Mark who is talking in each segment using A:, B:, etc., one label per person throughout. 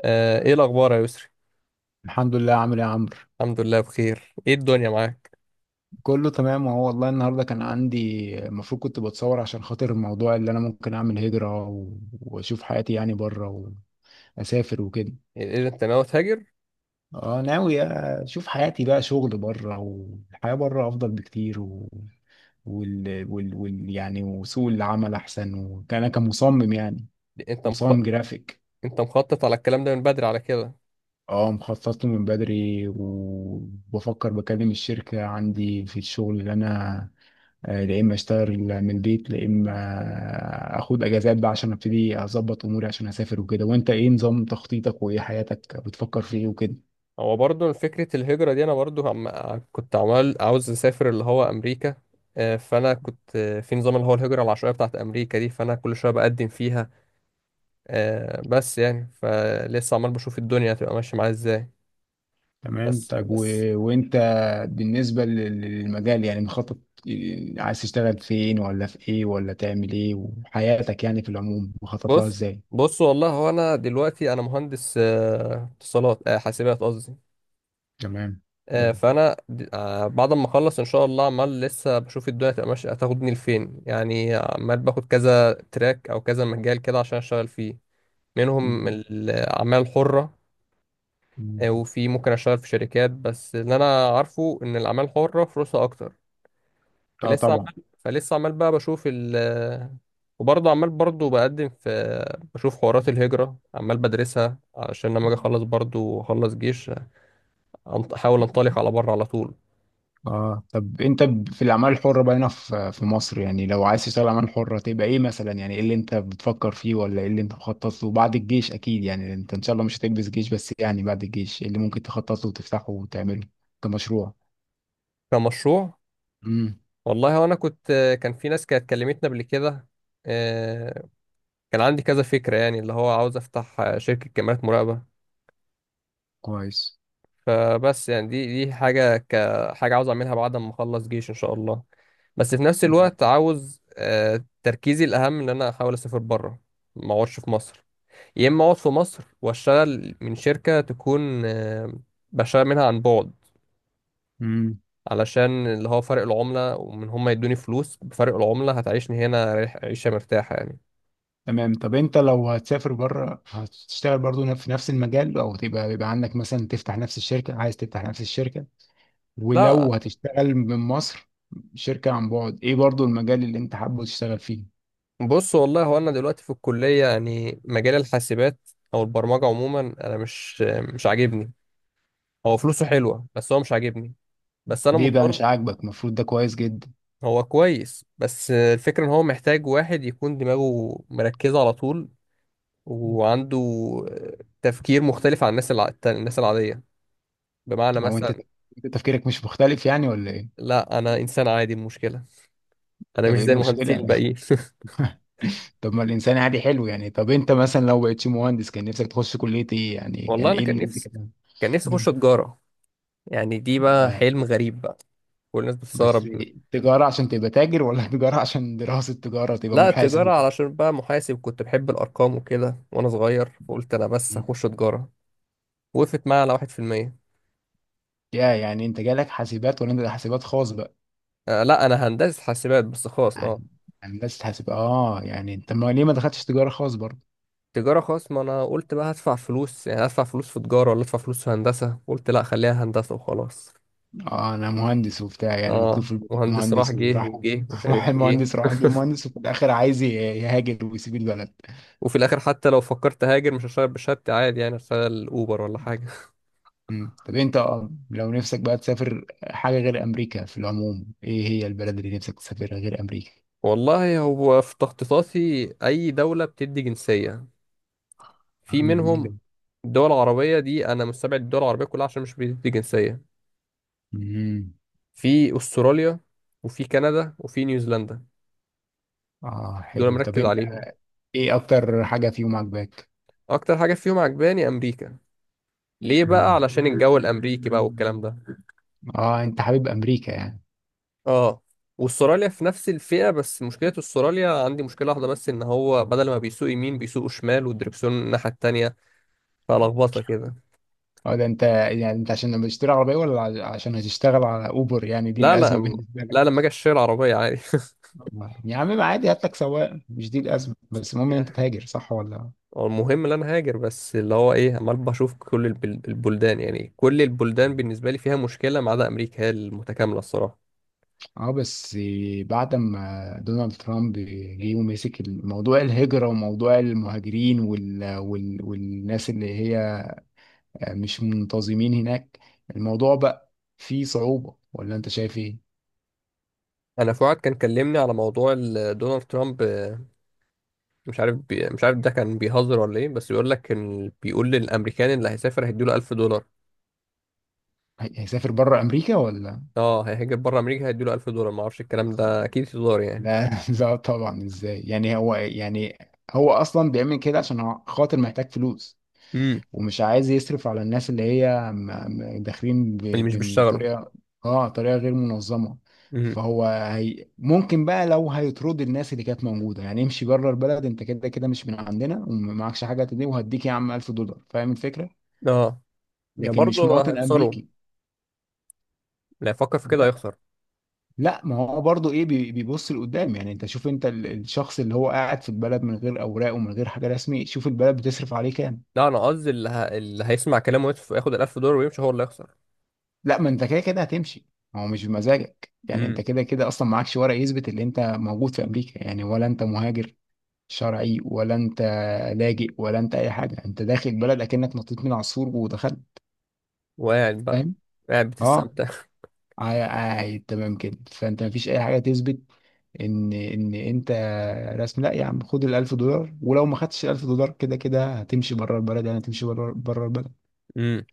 A: ايه الاخبار يا يسري؟
B: الحمد لله، عامل ايه يا عمرو؟
A: الحمد لله بخير. ايه الدنيا معاك؟
B: كله تمام. وهو والله النهارده كان عندي، المفروض كنت بتصور عشان خاطر الموضوع اللي انا ممكن اعمل هجرة واشوف حياتي يعني بره واسافر وكده.
A: إيه إيه، انت ناوي تهاجر؟
B: اه، ناوي. اشوف حياتي بقى شغل بره، والحياة بره افضل بكتير و... وال... وال... وال... يعني وسوق العمل احسن، وكان انا كمصمم يعني
A: انت مخ...
B: مصمم جرافيك.
A: انت مخطط على الكلام ده من بدري على كده؟
B: اه، مخطط له من بدري. وبفكر بكلم الشركة عندي في الشغل، اللي انا يا اما اشتغل من البيت يا اما اخد اجازات بقى، عشان ابتدي اظبط اموري عشان اسافر وكده. وانت ايه نظام تخطيطك، وايه حياتك بتفكر في ايه وكده؟
A: هو برضو فكرة الهجرة دي. انا برضو كنت عمال عاوز اسافر اللي هو امريكا. فانا كنت، في نظام اللي هو الهجرة العشوائية بتاعت امريكا دي، فانا كل شوية بقدم فيها. بس يعني فلسه عمال بشوف الدنيا هتبقى ماشية معايا ازاي.
B: تمام.
A: بس
B: طب
A: بس
B: وانت بالنسبة للمجال يعني مخطط، عايز تشتغل فين ولا في ايه ولا تعمل ايه، وحياتك يعني في العموم مخطط لها
A: بص
B: ازاي؟
A: بص، والله هو انا دلوقتي انا مهندس اتصالات، حاسبات قصدي.
B: تمام. حلو.
A: فانا بعد ما اخلص ان شاء الله عمال لسه بشوف الدنيا هتبقى ماشيه هتاخدني لفين، يعني عمال باخد كذا تراك او كذا مجال كده عشان اشتغل فيه. منهم
B: م-
A: الاعمال الحره.
B: م-
A: وفي ممكن اشتغل في شركات، بس اللي انا عارفه ان الاعمال الحره فلوسها اكتر.
B: اه،
A: فلسه
B: طبعا.
A: عمال فلسه عمال بقى بشوف ال، وبرضه عمال برضه بقدم في، بشوف حوارات الهجرة عمال بدرسها علشان لما اجي اخلص برضه اخلص جيش. احاول انطلق على بره على طول.
B: اه، طب انت في الاعمال الحره بقى هنا في مصر، يعني لو عايز تشتغل اعمال حره تبقى ايه مثلا؟ يعني ايه اللي انت بتفكر فيه، ولا ايه اللي انت مخطط له بعد الجيش؟ اكيد يعني انت ان شاء الله مش هتلبس جيش، بس يعني بعد الجيش إيه اللي ممكن تخطط له وتفتحه وتعمله كمشروع؟
A: كمشروع.
B: امم.
A: والله وانا كنت، كان في ناس كانت كلمتنا قبل كده. آه، كان عندي كذا فكرة، يعني اللي هو عاوز افتح شركة كاميرات مراقبة.
B: كويس.
A: فبس يعني دي حاجة كحاجة عاوز اعملها بعد ما اخلص جيش ان شاء الله. بس في نفس الوقت عاوز تركيزي الاهم ان انا احاول اسافر بره. ما اقعدش في مصر. يا اما اقعد في مصر واشتغل من شركة تكون، بشتغل منها عن بعد.
B: امم.
A: علشان اللي هو فرق العملة، ومن هم يدوني فلوس بفرق العملة هتعيشني هنا عيشة مرتاحة يعني.
B: تمام. طب انت لو هتسافر بره، هتشتغل برضو في نفس المجال، او تبقى بيبقى عندك مثلا تفتح نفس الشركه، عايز تفتح نفس الشركه؟ ولو
A: لا.
B: هتشتغل من مصر شركه عن بعد، ايه برضو المجال اللي انت حابب تشتغل فيه؟
A: بص، والله هو انا دلوقتي في الكليه يعني مجال الحاسبات او البرمجه عموما انا مش عاجبني. هو فلوسه حلوه بس هو مش عاجبني. بس انا
B: ليه بقى مش
A: مضطر.
B: عاجبك؟ المفروض ده كويس جدا.
A: هو كويس بس الفكره ان هو محتاج واحد يكون دماغه مركزه على طول وعنده تفكير مختلف عن الناس الناس العاديه. بمعنى
B: هو انت
A: مثلا.
B: انت تفكيرك مش مختلف يعني، ولا ايه؟
A: لا انا انسان عادي المشكله. انا
B: طب
A: مش
B: ايه
A: زي المهندسين
B: المشكلة؟
A: الباقيين
B: طب ما الانسان عادي حلو يعني. طب انت مثلا لو بقيتش مهندس، كان نفسك تخش كلية ايه؟ يعني
A: والله
B: كان
A: انا
B: ايه
A: كان
B: اللي انت
A: نفسي،
B: كده؟
A: كان نفسي اخش
B: مم.
A: تجاره. يعني دي بقى
B: آه،
A: حلم غريب بقى. كل الناس
B: بس
A: بتستغرب.
B: تجارة عشان تبقى تاجر، ولا تجارة عشان دراسة تجارة تبقى
A: لا
B: محاسب
A: التجارة
B: وكده؟
A: علشان بقى محاسب، كنت بحب الأرقام وكده وأنا صغير، فقلت أنا بس
B: مم.
A: هخش تجارة. وقفت معايا على واحد في المية.
B: يا يعني انت جالك حاسبات، ولا انت حاسبات خاص بقى؟
A: آه لا أنا هندسة حاسبات بس خاص، أه.
B: يعني هندسة حاسب. اه، يعني انت ما ليه ما دخلتش تجارة خاص برضه؟
A: تجارة خاص، ما أنا قلت بقى هدفع فلوس. يعني هدفع فلوس في تجارة ولا أدفع فلوس في هندسة؟ قلت لا خليها هندسة وخلاص.
B: اه، انا مهندس وبتاع يعني، مكتوب
A: أه
B: في البطاقه
A: مهندس، راح
B: مهندس
A: جه
B: وراح
A: وجه ومش
B: راح
A: عارف إيه.
B: المهندس راح عند المهندس، وفي الاخر عايز يهاجر ويسيب البلد.
A: وفي الآخر حتى لو فكرت هاجر مش هشتغل بشهادتي عادي، يعني هشتغل أوبر ولا حاجة.
B: مم. طب انت لو نفسك بقى تسافر حاجه غير امريكا، في العموم ايه هي البلد اللي نفسك تسافرها غير امريكا؟
A: والله هو في تخطيطاتي أي دولة بتدي جنسية. في
B: مم. ده.
A: منهم دول عربية. دي أنا مستبعد الدول العربية كلها عشان مش بيدي جنسية.
B: مم.
A: في أستراليا، وفي كندا، وفي نيوزيلندا.
B: اه،
A: دول
B: حلو. طب
A: مركز
B: انت
A: عليهم.
B: ايه اكتر حاجه فيهم عجباك؟
A: أكتر حاجة فيهم عجباني أمريكا. ليه بقى؟
B: مم.
A: علشان الجو الأمريكي بقى والكلام ده.
B: اه، انت حبيب امريكا يعني؟
A: آه. وأستراليا في نفس الفئة، بس مشكلة أستراليا، عندي مشكلة واحدة بس إن هو بدل ما بيسوق يمين بيسوق شمال والدركسيون الناحية التانية. فلخبطة كده.
B: اه، ده انت يعني انت عشان لما تشتري عربيه، ولا عشان هتشتغل على اوبر؟ يعني دي
A: لا لا،
B: الازمه بالنسبه.
A: لا لما أجي أشتري العربية عادي.
B: يا عم ما عادي، هات لك سواق، مش دي الأزمة، بس المهم إن أنت تهاجر صح ولا؟
A: هو المهم ان انا هاجر، بس اللي هو ايه عمال بشوف كل البلدان. يعني كل البلدان بالنسبه لي فيها مشكله ما عدا امريكا، هي المتكامله الصراحه.
B: اه، بس بعد ما دونالد ترامب جه ومسك موضوع الهجرة وموضوع المهاجرين والناس اللي هي مش منتظمين هناك، الموضوع بقى فيه صعوبة ولا انت شايف ايه؟
A: انا فؤاد كان كلمني على موضوع دونالد ترامب. مش عارف ده كان بيهزر ولا ايه، بس بيقول لك ان بيقول للامريكان اللي هيسافر هيديله $1000.
B: هيسافر بره امريكا ولا؟
A: اه هيهاجر بره امريكا هيديله $1000. ما اعرفش الكلام ده، اكيد هزار يعني.
B: لا لا، طبعا. ازاي؟ يعني هو، يعني هو اصلا بيعمل كده عشان خاطر محتاج فلوس.
A: امم
B: ومش عايز يصرف على الناس اللي هي داخلين
A: اللي مش بيشتغلوا.
B: بطريقه. اه، طريقه غير منظمه.
A: امم
B: هي ممكن بقى، لو هيطرد الناس اللي كانت موجوده، يعني امشي بره البلد، انت كده كده مش من عندنا ومعكش حاجه تدي، وهديك يا عم 1000 دولار، فاهم الفكره؟
A: اه يا
B: لكن مش
A: برضه
B: مواطن
A: هيخسروا.
B: امريكي.
A: لا يفكر في كده
B: لا،
A: هيخسر.
B: لا، ما هو برضه ايه بيبص لقدام. يعني انت شوف، انت الشخص اللي هو قاعد في البلد من غير اوراق ومن غير حاجه رسمي، شوف البلد بتصرف عليه كام.
A: لا انا قصدي اللي، اللي هيسمع كلامه ويدفع- ياخد $1000 ويمشي هو اللي هيخسر.
B: لا، ما انت كده كده هتمشي. هو مش بمزاجك، يعني انت
A: امم
B: كده كده اصلا معكش ورق يثبت ان انت موجود في امريكا، يعني ولا انت مهاجر شرعي، ولا انت لاجئ، ولا انت اي حاجه. انت داخل بلد اكنك نطيت من عصفور ودخلت.
A: وقاعد بقى.
B: فاهم.
A: قاعد
B: اه،
A: بتستمتع.
B: تمام كده. فانت مفيش اي حاجه تثبت ان انت رسمي، لا يا عم، خد الألف دولار. ولو ما خدتش الألف دولار كده كده هتمشي بره البلد، يعني هتمشي بره البلد.
A: امم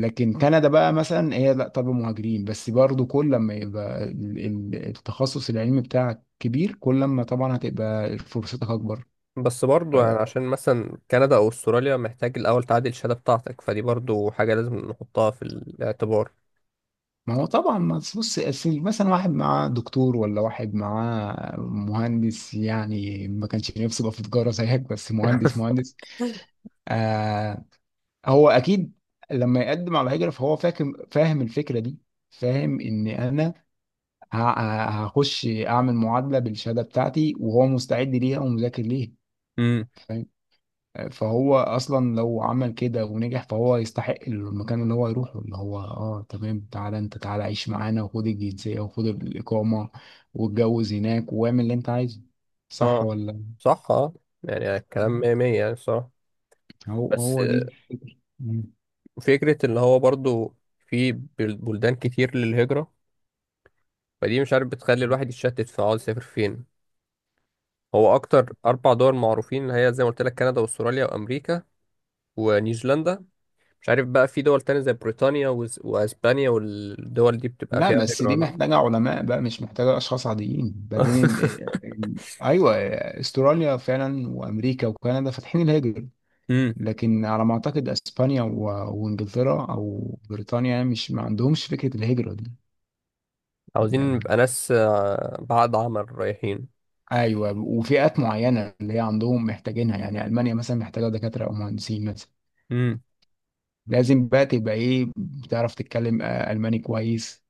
B: لكن كندا بقى مثلا، هي لا، طب مهاجرين بس برضو، كل لما يبقى التخصص العلمي بتاعك كبير، كل لما طبعا هتبقى فرصتك اكبر.
A: بس
B: ف-
A: برضو يعني عشان مثلا كندا أو أستراليا محتاج الأول تعدل الشهادة بتاعتك، فدي برضو حاجة لازم نحطها في الاعتبار.
B: ما هو طبعا، ما تبص أصل مثلا، واحد معاه دكتور، ولا واحد معاه مهندس. يعني ما كانش نفسه يبقى في تجارة زيك، بس مهندس مهندس. آه. هو اكيد، لما يقدم على هجرة فهو فاهم الفكرة دي. فاهم ان انا هخش اعمل معادله بالشهاده بتاعتي، وهو مستعد ليها ومذاكر ليها.
A: امم
B: فاهم. فهو اصلا لو عمل كده ونجح فهو يستحق المكان اللي هو يروحه، اللي هو اه تمام، تعالى انت تعالى، عيش معانا وخد الجنسيه وخد الاقامه، واتجوز هناك واعمل اللي انت عايزه. صح
A: اه
B: ولا؟
A: صح اه. يعني الكلام
B: مم.
A: مية مية يعني بصراحة.
B: هو
A: بس
B: هو دي. مم.
A: فكرة اللي هو برضو في بلدان كتير للهجرة. فدي مش عارف بتخلي الواحد يتشتت في عاوز يسافر فين. هو أكتر أربع دول معروفين اللي هي زي ما قلت لك كندا وأستراليا وأمريكا ونيوزيلندا. مش عارف بقى في دول تانية زي بريطانيا واسبانيا والدول دي بتبقى
B: لا،
A: فيها
B: بس
A: هجرة
B: دي
A: ولا لا؟
B: محتاجة علماء بقى، مش محتاجة أشخاص عاديين. بعدين أيوة، أستراليا فعلا وأمريكا وكندا فاتحين الهجرة.
A: امم
B: لكن على ما اعتقد اسبانيا وانجلترا او بريطانيا، يعني مش ما عندهمش فكره الهجره دي.
A: عاوزين
B: يعني
A: نبقى ناس بعد عمل رايحين.
B: ايوه، وفئات معينه اللي هي عندهم محتاجينها. يعني المانيا مثلا محتاجه دكاتره او مهندسين مثلا.
A: امم
B: لازم بقى تبقى ايه، بتعرف تتكلم الماني كويس.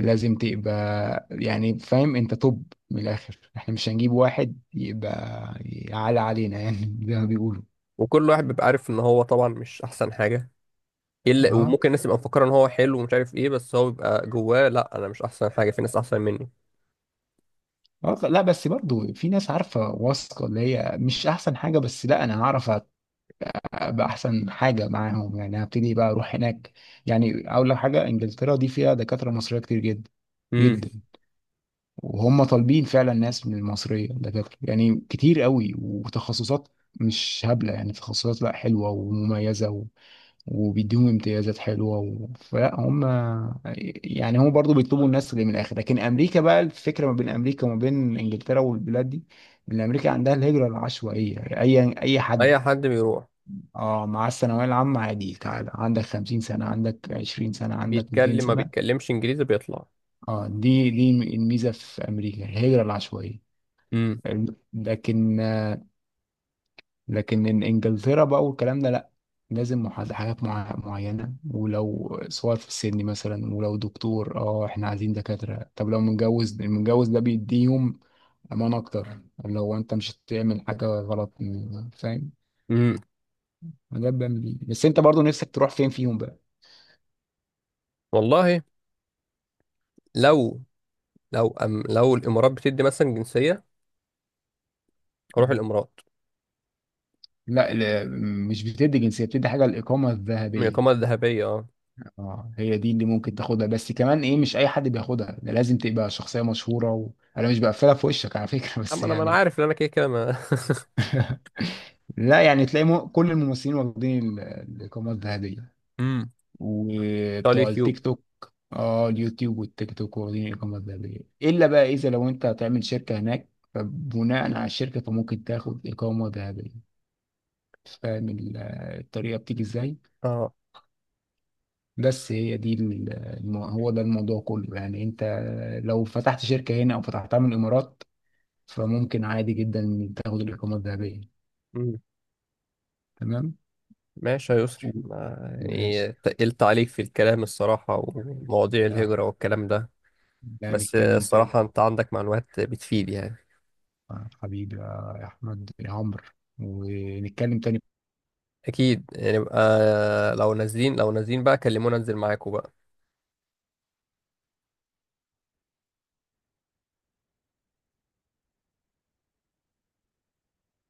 B: لازم تبقى يعني فاهم انت. طب من الاخر، احنا مش هنجيب واحد يبقى يعلى علينا يعني زي ما بيقولوا.
A: وكل واحد بيبقى عارف ان هو طبعا مش احسن حاجة. الا
B: اه.
A: وممكن الناس تبقى مفكرة ان هو حلو ومش عارف ايه، بس هو بيبقى جواه لا انا مش احسن حاجة في ناس احسن مني.
B: آه، لا، بس برضو في ناس عارفه واثقه اللي هي مش احسن حاجه، بس لا انا هعرف ابقى احسن حاجه معاهم، يعني هبتدي بقى اروح هناك. يعني اول حاجه، انجلترا دي فيها دكاتره مصريه كتير جدا
A: امم
B: جدا. وهم طالبين فعلا ناس من المصريه دكاتره، يعني كتير قوي وتخصصات مش هبله، يعني تخصصات لا حلوه ومميزه وبيديهم امتيازات حلوه فلا هم. يعني هم برضو بيطلبوا الناس اللي من الاخر. لكن امريكا بقى، الفكره ما بين امريكا وما بين انجلترا والبلاد دي ان امريكا عندها الهجره العشوائيه، اي حد.
A: اي حد بيروح
B: اه، مع الثانوية العامة عادي، تعالى عندك 50 سنة، عندك 20 سنة، عندك 200
A: بيتكلم ما
B: سنة.
A: بيتكلمش انجليزي بيطلع.
B: اه، دي الميزة في أمريكا، الهجرة العشوائية.
A: امم
B: لكن لكن إنجلترا بقى والكلام ده لأ. لازم حاجات معينة، ولو صور في السن مثلا، ولو دكتور احنا عايزين دكاترة طب. لو متجوز، المتجوز ده بيديهم أمان أكتر. لو أنت مش هتعمل حاجة غلط. فاهم.
A: امم
B: ده بيعمل إيه؟ بس أنت برضو نفسك تروح فين فيهم؟
A: والله. لو لو الامارات بتدي مثلا جنسية هروح
B: بقى.
A: الامارات.
B: لا، لا، مش بتدي جنسية، بتدي حاجة الإقامة
A: من
B: الذهبية.
A: الاقامة الذهبية اه.
B: اه، هي دي اللي ممكن تاخدها. بس كمان إيه، مش أي حد بياخدها، ده لازم تبقى شخصية مشهورة. أنا مش بقفلها في وشك على فكرة، بس
A: اما انا ما انا
B: يعني.
A: عارف ان انا كده كده ما.
B: لا، يعني تلاقي كل الممثلين واخدين الإقامة الذهبية.
A: امم بتاع
B: وبتوع
A: اليوتيوب
B: التيك توك. اه، اليوتيوب والتيك توك واخدين الإقامة الذهبية. إلا بقى إذا لو أنت هتعمل شركة هناك، فبناء على الشركة فممكن تاخد إقامة ذهبية. فاهم الطريقة بتيجي إزاي؟
A: اه.
B: بس هي دي هو ده الموضوع كله. يعني انت لو فتحت شركة هنا او فتحتها من الامارات، فممكن عادي جدا تاخد الاقامة الذهبية.
A: أمم.
B: تمام.
A: ماشي يا يسري
B: و-
A: ما،
B: ماشي.
A: يعني تقلت عليك في الكلام الصراحة ومواضيع
B: ده
A: الهجرة والكلام ده.
B: ده
A: بس
B: نتكلم تاني.
A: الصراحة انت عندك معلومات بتفيد يعني.
B: حبيبي يا احمد يا عمرو، ونتكلم تاني.
A: اكيد نبقى لو نازلين، لو نازلين بقى كلمونا انزل معاكم بقى.